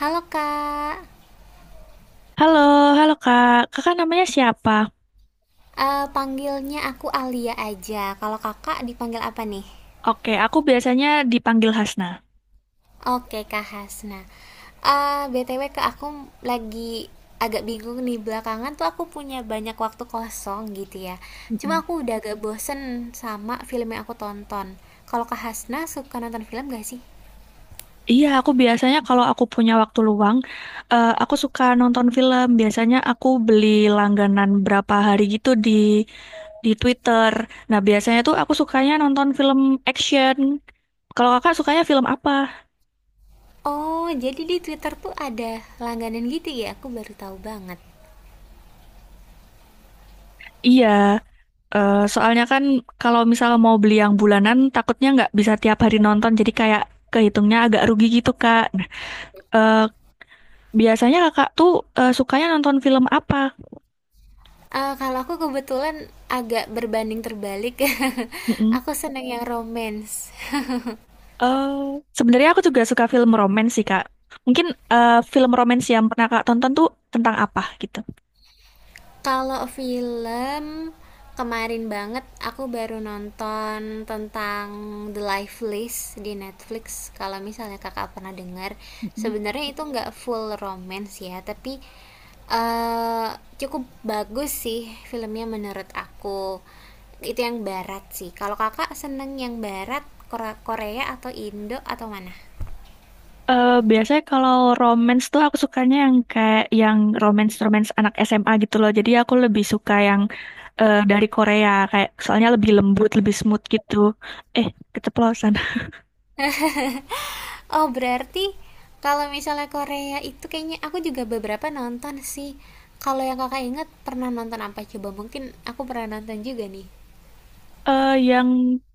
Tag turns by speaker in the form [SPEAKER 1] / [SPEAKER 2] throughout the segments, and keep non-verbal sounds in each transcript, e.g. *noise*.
[SPEAKER 1] Halo kak.
[SPEAKER 2] Halo, halo Kak. Kakak namanya siapa?
[SPEAKER 1] Panggilnya aku Alia aja. Kalau kakak dipanggil apa nih?
[SPEAKER 2] Oke, aku biasanya dipanggil Hasna.
[SPEAKER 1] Oke kak Hasna. Btw kak, aku lagi agak bingung nih. Belakangan tuh aku punya banyak waktu kosong gitu ya. Cuma
[SPEAKER 2] Mm-mm.
[SPEAKER 1] aku udah agak bosen sama film yang aku tonton. Kalau kak Hasna suka nonton film gak sih?
[SPEAKER 2] Iya, aku biasanya kalau aku punya waktu luang, aku suka nonton film. Biasanya aku beli langganan berapa hari gitu di Twitter. Nah, biasanya tuh aku sukanya nonton film action. Kalau kakak sukanya film apa?
[SPEAKER 1] Oh, jadi di Twitter tuh ada langganan gitu ya? Aku baru tahu banget.
[SPEAKER 2] Iya, soalnya kan kalau misal mau beli yang bulanan, takutnya nggak bisa tiap hari nonton. Jadi kayak kehitungnya agak rugi gitu, Kak. Nah, eh, biasanya kakak tuh sukanya nonton film apa?
[SPEAKER 1] Kalau aku kebetulan agak berbanding terbalik. *laughs*
[SPEAKER 2] Mm-mm.
[SPEAKER 1] Aku seneng yang romance.
[SPEAKER 2] Eh, Sebenarnya aku juga suka film romans sih kak. Mungkin film romans yang pernah kak tonton tuh tentang apa gitu?
[SPEAKER 1] Kalau film, kemarin banget aku baru nonton tentang The Life List di Netflix, kalau misalnya Kakak pernah dengar.
[SPEAKER 2] Mm-mm.
[SPEAKER 1] Sebenarnya itu nggak full romance ya, tapi eee, cukup bagus sih filmnya menurut aku. Itu yang barat sih. Kalau Kakak seneng yang barat, Korea atau Indo atau mana?
[SPEAKER 2] Biasanya kalau romance tuh aku sukanya yang kayak yang romance-romance anak SMA gitu loh. Jadi aku lebih suka yang dari Korea kayak soalnya lebih lembut, lebih smooth gitu. Eh, Keceplosan. *laughs*
[SPEAKER 1] Oh, berarti kalau misalnya Korea itu kayaknya aku juga beberapa nonton sih. Kalau yang Kakak ingat pernah nonton apa coba? Mungkin aku pernah nonton juga nih.
[SPEAKER 2] Yang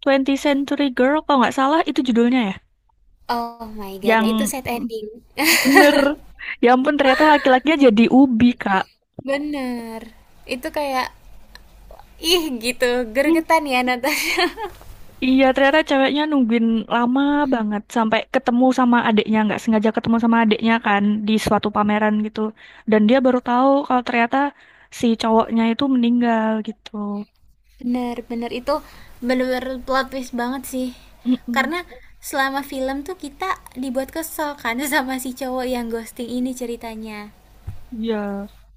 [SPEAKER 2] 20 Century Girl kalau nggak salah itu judulnya ya.
[SPEAKER 1] Oh my God,
[SPEAKER 2] Yang
[SPEAKER 1] itu sad
[SPEAKER 2] Iya.
[SPEAKER 1] ending.
[SPEAKER 2] Bener. Ya ampun, ternyata laki-lakinya jadi ubi, Kak.
[SPEAKER 1] *laughs* Bener. Itu kayak ih gitu,
[SPEAKER 2] Hmm.
[SPEAKER 1] gergetan ya nonton. *laughs*
[SPEAKER 2] Iya, ternyata ceweknya nungguin lama banget sampai ketemu sama adiknya, nggak sengaja ketemu sama adiknya kan di suatu pameran gitu. Dan dia baru tahu kalau ternyata si cowoknya itu meninggal gitu.
[SPEAKER 1] Bener, bener itu bener-bener plot twist banget sih.
[SPEAKER 2] Mm-mm.
[SPEAKER 1] Karena selama film tuh kita dibuat kesel kan *laughs* sama si cowok yang ghosting ini ceritanya.
[SPEAKER 2] Iya,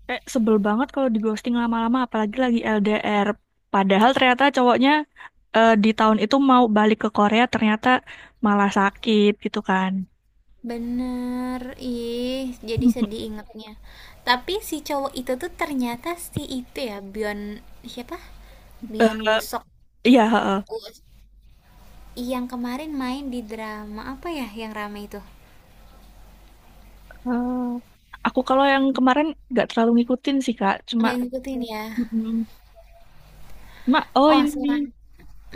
[SPEAKER 2] kayak sebel banget kalau di ghosting lama-lama, apalagi lagi LDR. Padahal ternyata cowoknya di tahun itu mau balik ke Korea, ternyata malah sakit gitu kan.
[SPEAKER 1] Bener, ih, jadi
[SPEAKER 2] *laughs*
[SPEAKER 1] sedih ingetnya. Tapi si cowok itu tuh ternyata si itu ya, Byeon siapa?
[SPEAKER 2] Eh,
[SPEAKER 1] Byeon woo.
[SPEAKER 2] Iya, heeh.
[SPEAKER 1] Yang kemarin main di drama apa ya yang rame itu?
[SPEAKER 2] Eh, aku kalau yang kemarin nggak terlalu ngikutin sih Kak, cuma
[SPEAKER 1] Nggak ngikutin ya.
[SPEAKER 2] mm, cuma oh
[SPEAKER 1] Oh,
[SPEAKER 2] ini
[SPEAKER 1] selain...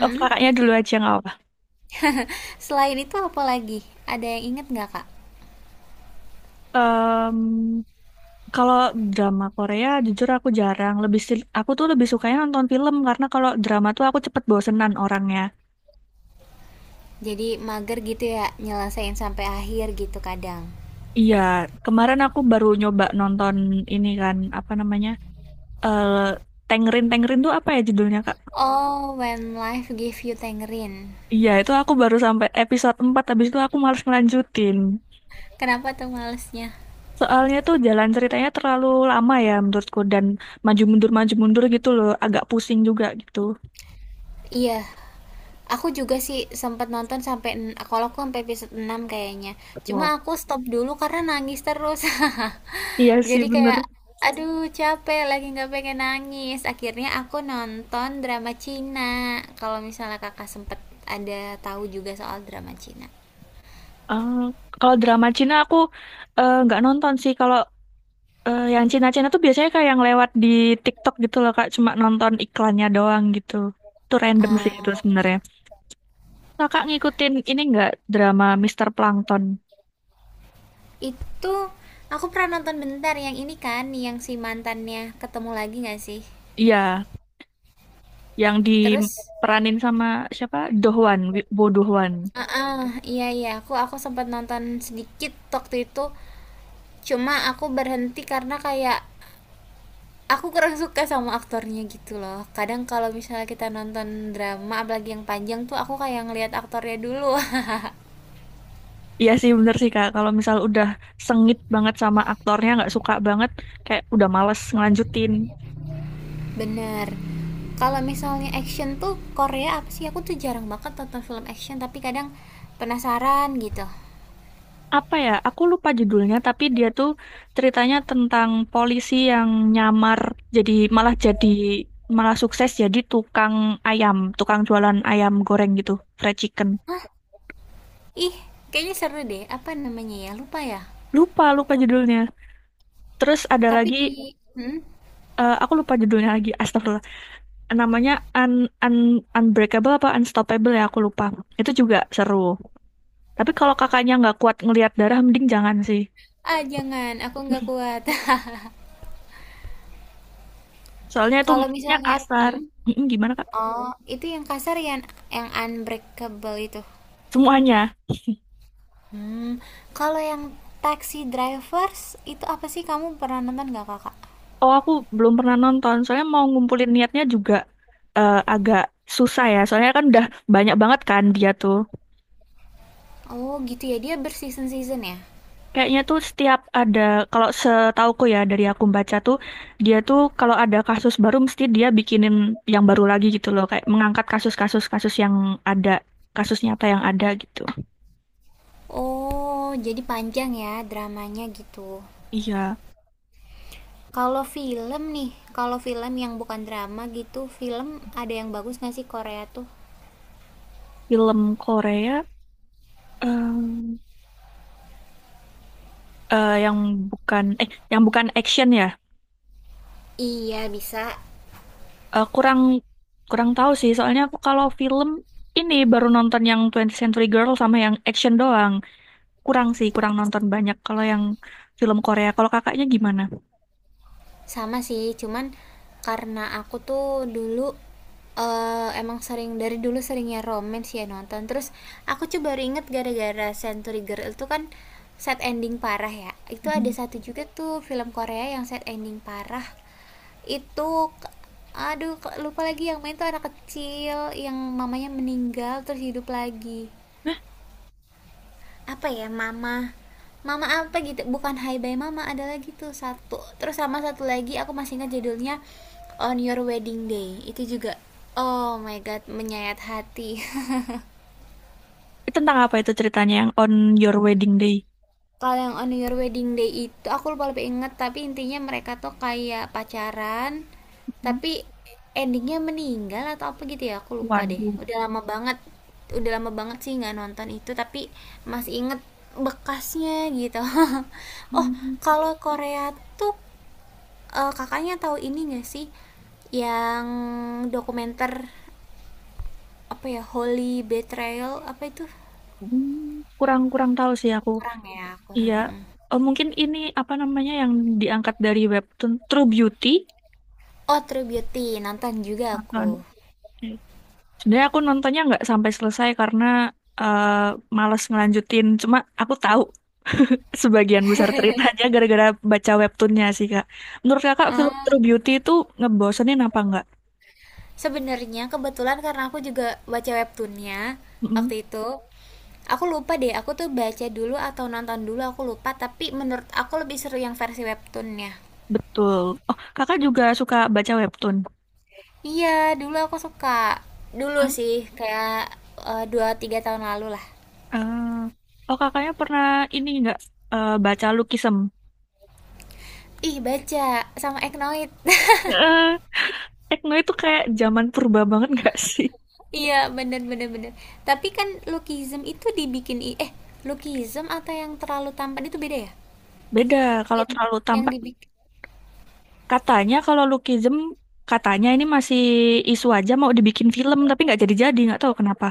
[SPEAKER 2] oh kakaknya dulu aja nggak apa.
[SPEAKER 1] Selain itu apa lagi? Ada yang inget nggak, Kak?
[SPEAKER 2] Em, Kalau drama Korea jujur aku jarang, aku tuh lebih sukanya nonton film karena kalau drama tuh aku cepet bosenan orangnya.
[SPEAKER 1] Jadi mager gitu ya, nyelesain sampai akhir gitu kadang.
[SPEAKER 2] Iya, kemarin aku baru nyoba nonton ini kan apa namanya? eh Tengrin Tengrin tuh apa ya judulnya Kak?
[SPEAKER 1] Oh, When Life Give You Tangerine.
[SPEAKER 2] Iya, itu aku baru sampai episode 4 habis itu aku males ngelanjutin.
[SPEAKER 1] Kenapa tuh malesnya?
[SPEAKER 2] Soalnya tuh jalan ceritanya terlalu lama ya menurutku dan maju mundur gitu loh, agak pusing juga gitu.
[SPEAKER 1] Iya. Aku juga sih sempet nonton sampai, kalau aku sampai episode 6 kayaknya. Cuma
[SPEAKER 2] Wow.
[SPEAKER 1] aku stop dulu karena nangis terus.
[SPEAKER 2] Iya
[SPEAKER 1] *laughs*
[SPEAKER 2] sih
[SPEAKER 1] Jadi
[SPEAKER 2] bener.
[SPEAKER 1] kayak, aduh, capek lagi nggak pengen nangis. Akhirnya aku nonton drama Cina. Kalau misalnya kakak sempet ada tahu juga soal drama Cina.
[SPEAKER 2] Eh, Kalau drama Cina aku nggak nonton sih. Kalau yang Cina-Cina tuh biasanya kayak yang lewat di TikTok gitu loh kak, cuma nonton iklannya doang gitu. Itu random sih itu
[SPEAKER 1] Eh,
[SPEAKER 2] sebenarnya. Kakak ngikutin ini nggak drama Mister Plankton?
[SPEAKER 1] itu aku pernah nonton bentar yang ini kan, yang si mantannya ketemu lagi nggak sih?
[SPEAKER 2] Iya, yang
[SPEAKER 1] Terus,
[SPEAKER 2] diperanin sama siapa? Dohwan, Bo Dohwan.
[SPEAKER 1] ah ah, iya iya, aku sempat nonton sedikit waktu itu. Cuma aku berhenti karena kayak aku kurang suka sama aktornya gitu loh. Kadang kalau misalnya kita nonton drama apalagi yang panjang tuh aku kayak ngelihat aktornya dulu. *laughs*
[SPEAKER 2] Iya sih bener sih Kak, kalau misal udah sengit banget sama aktornya, nggak suka banget, kayak udah males ngelanjutin.
[SPEAKER 1] Bener. Kalau misalnya action tuh, Korea apa sih, aku tuh jarang banget nonton film action tapi kadang penasaran gitu.
[SPEAKER 2] Apa ya, aku lupa judulnya, tapi dia tuh ceritanya tentang polisi yang nyamar, jadi, malah sukses jadi tukang ayam, tukang jualan ayam goreng gitu, fried chicken.
[SPEAKER 1] Ih, kayaknya seru deh. Apa namanya ya, lupa ya.
[SPEAKER 2] Lupa, lupa judulnya. Terus ada
[SPEAKER 1] Tapi
[SPEAKER 2] lagi,
[SPEAKER 1] di... hmm?
[SPEAKER 2] aku lupa judulnya lagi, astagfirullah. Namanya Un Un Unbreakable apa Unstoppable ya, aku lupa. Itu juga seru. Tapi kalau kakaknya nggak kuat ngelihat darah, mending jangan sih.
[SPEAKER 1] Ah, jangan, aku nggak kuat.
[SPEAKER 2] Soalnya
[SPEAKER 1] *laughs*
[SPEAKER 2] itu
[SPEAKER 1] Kalau
[SPEAKER 2] mulutnya
[SPEAKER 1] misalnya...
[SPEAKER 2] kasar.
[SPEAKER 1] hmm?
[SPEAKER 2] Mm-mm, gimana kak?
[SPEAKER 1] Oh, itu yang kasar, yang unbreakable itu.
[SPEAKER 2] Semuanya.
[SPEAKER 1] Hmm, kalau yang Taxi Drivers itu apa sih, kamu pernah nonton nggak kakak?
[SPEAKER 2] Oh aku belum pernah nonton. Soalnya mau ngumpulin niatnya juga agak susah ya. Soalnya kan udah banyak banget kan dia tuh.
[SPEAKER 1] Oh gitu ya, dia berseason-season ya?
[SPEAKER 2] Kayaknya tuh setiap ada kalau setauku ya dari aku baca tuh dia tuh kalau ada kasus baru mesti dia bikinin yang baru lagi gitu loh. Kayak mengangkat kasus-kasus kasus yang ada kasus nyata yang ada gitu.
[SPEAKER 1] Oh, jadi panjang ya dramanya gitu.
[SPEAKER 2] Iya,
[SPEAKER 1] Kalau film nih, kalau film yang bukan drama gitu, film ada yang bagus nggak sih Korea tuh?
[SPEAKER 2] film Korea. Yang bukan yang bukan action ya.
[SPEAKER 1] Iya bisa.
[SPEAKER 2] Kurang kurang tahu sih soalnya aku kalau film ini baru nonton yang 20 Century Girl sama yang action doang. Kurang sih, kurang nonton banyak kalau yang film Korea. Kalau kakaknya gimana?
[SPEAKER 1] Sama sih, cuman karena aku tuh dulu emang sering dari dulu seringnya romance ya nonton. Terus aku tuh baru inget gara-gara Century Girl itu kan sad ending parah ya. Itu ada
[SPEAKER 2] Mm.
[SPEAKER 1] satu juga tuh film Korea yang sad ending parah. Itu, aduh, lupa lagi. Yang main tuh anak kecil yang mamanya meninggal terus hidup lagi, apa ya, mama mama apa gitu, bukan hi bye mama, ada lagi tuh satu. Terus sama satu lagi aku masih ingat judulnya, on your wedding day itu juga oh my god menyayat hati. *laughs*
[SPEAKER 2] Itu tentang apa itu ceritanya yang On Your Wedding Day?
[SPEAKER 1] Kalau yang on your wedding day itu aku lupa, lebih inget tapi intinya mereka tuh kayak pacaran,
[SPEAKER 2] Mm.
[SPEAKER 1] tapi endingnya meninggal atau apa gitu ya, aku lupa deh,
[SPEAKER 2] Waduh.
[SPEAKER 1] udah lama banget. Udah lama banget sih nggak nonton itu, tapi masih inget bekasnya gitu. *laughs* Oh,
[SPEAKER 2] Mm.
[SPEAKER 1] kalau Korea tuh kakaknya tahu ini nggak sih, yang dokumenter apa ya, Holy Betrayal apa itu.
[SPEAKER 2] Mm. Kurang-kurang tahu sih aku.
[SPEAKER 1] Kurang ya,
[SPEAKER 2] Iya,
[SPEAKER 1] kurang. Mm.
[SPEAKER 2] Mungkin ini apa namanya yang diangkat dari webtoon True Beauty.
[SPEAKER 1] Oh, True Beauty nonton juga aku.
[SPEAKER 2] Nonton. Sebenarnya aku nontonnya nggak sampai selesai karena eh, males ngelanjutin. Cuma aku tahu sebagian besar ceritanya gara-gara baca webtoonnya sih, Kak. Menurut Kakak, film
[SPEAKER 1] Ah,
[SPEAKER 2] True Beauty itu ngebosenin apa nggak?
[SPEAKER 1] sebenarnya kebetulan karena aku juga baca webtoonnya waktu
[SPEAKER 2] Mm-mm,
[SPEAKER 1] itu. Aku lupa deh, aku tuh baca dulu atau nonton dulu aku lupa, tapi menurut aku lebih seru yang versi webtoonnya.
[SPEAKER 2] betul. Oh, Kakak juga suka baca webtoon?
[SPEAKER 1] Iya, dulu aku suka. Dulu
[SPEAKER 2] Hmm,
[SPEAKER 1] sih, kayak dua tiga tahun lalu lah.
[SPEAKER 2] oh, Kakaknya pernah ini nggak baca Lukisem?
[SPEAKER 1] Ih, baca sama Eknoid. *laughs*
[SPEAKER 2] Eh, Tekno itu kayak zaman purba banget nggak sih?
[SPEAKER 1] Iya, bener bener bener. Tapi kan Lookism itu dibikin Lookism atau yang terlalu tampan itu beda ya?
[SPEAKER 2] Beda, kalau
[SPEAKER 1] Yang
[SPEAKER 2] terlalu
[SPEAKER 1] yang
[SPEAKER 2] tampak.
[SPEAKER 1] dibikin
[SPEAKER 2] Katanya kalau Lookism, katanya ini masih isu aja mau dibikin film, tapi nggak jadi-jadi, nggak tahu kenapa.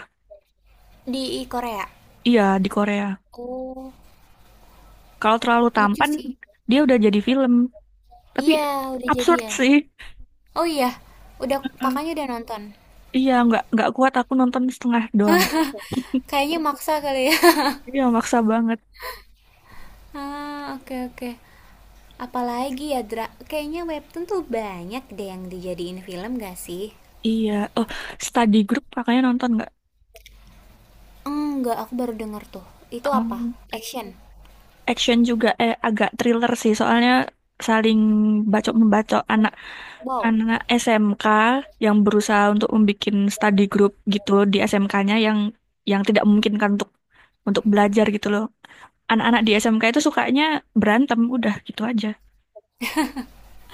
[SPEAKER 1] di Korea.
[SPEAKER 2] Iya, di Korea.
[SPEAKER 1] Oh,
[SPEAKER 2] Kalau terlalu
[SPEAKER 1] lucu
[SPEAKER 2] tampan,
[SPEAKER 1] sih.
[SPEAKER 2] dia udah jadi film. Tapi
[SPEAKER 1] Iya, udah jadi
[SPEAKER 2] absurd
[SPEAKER 1] ya.
[SPEAKER 2] sih.
[SPEAKER 1] Oh iya, udah
[SPEAKER 2] Heeh.
[SPEAKER 1] kakaknya udah nonton.
[SPEAKER 2] Iya, nggak kuat aku nonton setengah doang.
[SPEAKER 1] Kayaknya maksa kali ya. *laughs*
[SPEAKER 2] Iya, maksa banget.
[SPEAKER 1] Ah, oke oke. Apalagi ya, Dra. Kayaknya webtoon tuh banyak deh yang dijadiin film gak sih?
[SPEAKER 2] Iya. Oh, study group kakaknya nonton nggak?
[SPEAKER 1] Enggak, aku baru denger tuh. Itu apa?
[SPEAKER 2] Oh.
[SPEAKER 1] Action.
[SPEAKER 2] Action juga agak thriller sih soalnya saling bacok membacok anak
[SPEAKER 1] Wow.
[SPEAKER 2] anak SMK yang berusaha untuk membuat study group gitu di SMK-nya yang tidak memungkinkan untuk belajar gitu loh. Anak-anak di SMK itu sukanya berantem udah gitu aja.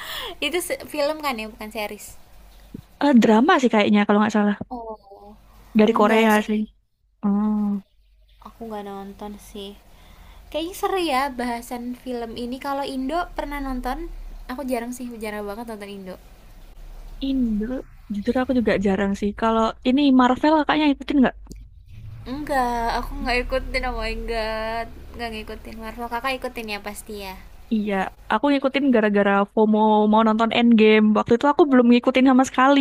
[SPEAKER 1] *laughs* Itu film kan ya, bukan series.
[SPEAKER 2] Drama sih kayaknya kalau nggak salah
[SPEAKER 1] Oh,
[SPEAKER 2] dari
[SPEAKER 1] enggak
[SPEAKER 2] Korea
[SPEAKER 1] sih.
[SPEAKER 2] sih. Oh,
[SPEAKER 1] Aku nggak nonton sih. Kayaknya seru ya bahasan film ini. Kalau Indo pernah nonton? Aku jarang sih, jarang banget nonton Indo.
[SPEAKER 2] Indo jujur aku juga jarang sih. Kalau ini Marvel kakaknya ikutin nggak?
[SPEAKER 1] Enggak, aku nggak ikutin, oh my god. Nggak ngikutin Marvel, kakak ikutin ya pasti ya.
[SPEAKER 2] Iya, aku ngikutin gara-gara FOMO mau nonton Endgame. Waktu itu aku belum ngikutin sama sekali.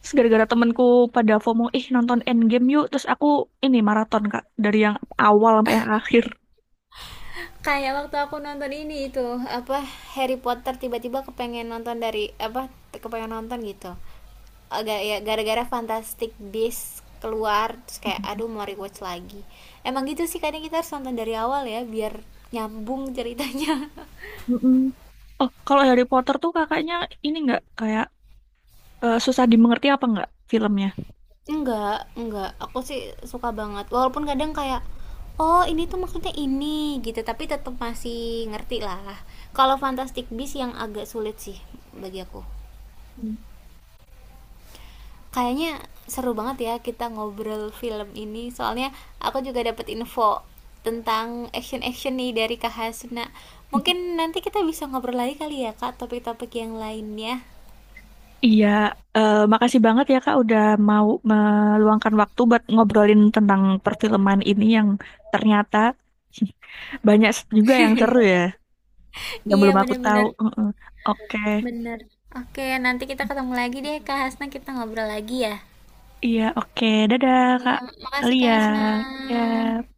[SPEAKER 2] Terus gara-gara temenku pada FOMO, ih nonton Endgame yuk. Terus aku ini maraton, Kak. Dari yang awal sampai yang akhir.
[SPEAKER 1] Kayak waktu aku nonton ini, itu apa, Harry Potter, tiba-tiba kepengen nonton dari, apa, kepengen nonton gitu. Agak ya gara-gara Fantastic Beasts keluar, terus kayak aduh mau rewatch lagi. Emang gitu sih, kadang kita harus nonton dari awal ya, biar nyambung ceritanya. *laughs*
[SPEAKER 2] Mm-mm. Oh, kalau Harry Potter tuh kakaknya ini nggak kayak susah dimengerti apa nggak filmnya?
[SPEAKER 1] Enggak enggak, aku sih suka banget. Walaupun kadang kayak, "Oh, ini tuh maksudnya ini," gitu, tapi tetap masih ngerti lah. Kalau Fantastic Beasts yang agak sulit sih bagi aku.
[SPEAKER 2] Hmm.
[SPEAKER 1] Kayaknya seru banget ya kita ngobrol film ini, soalnya aku juga dapat info tentang action-action nih dari Kak Hasna. Mungkin nanti kita bisa ngobrol lagi kali ya, Kak, topik-topik yang lainnya.
[SPEAKER 2] Iya, makasih banget ya Kak udah mau meluangkan waktu buat ngobrolin tentang perfilman ini yang ternyata *laughs* banyak juga yang seru ya.
[SPEAKER 1] *laughs*
[SPEAKER 2] Yang
[SPEAKER 1] Iya,
[SPEAKER 2] belum aku tahu.
[SPEAKER 1] bener-bener. Iya.
[SPEAKER 2] Heeh. Oke,
[SPEAKER 1] Bener. Oke, nanti kita ketemu lagi deh, Kak Hasna. Kita ngobrol lagi ya.
[SPEAKER 2] iya, oke, Dadah, Kak.
[SPEAKER 1] Iya, makasih
[SPEAKER 2] Lia,
[SPEAKER 1] Kak Asna.
[SPEAKER 2] ya.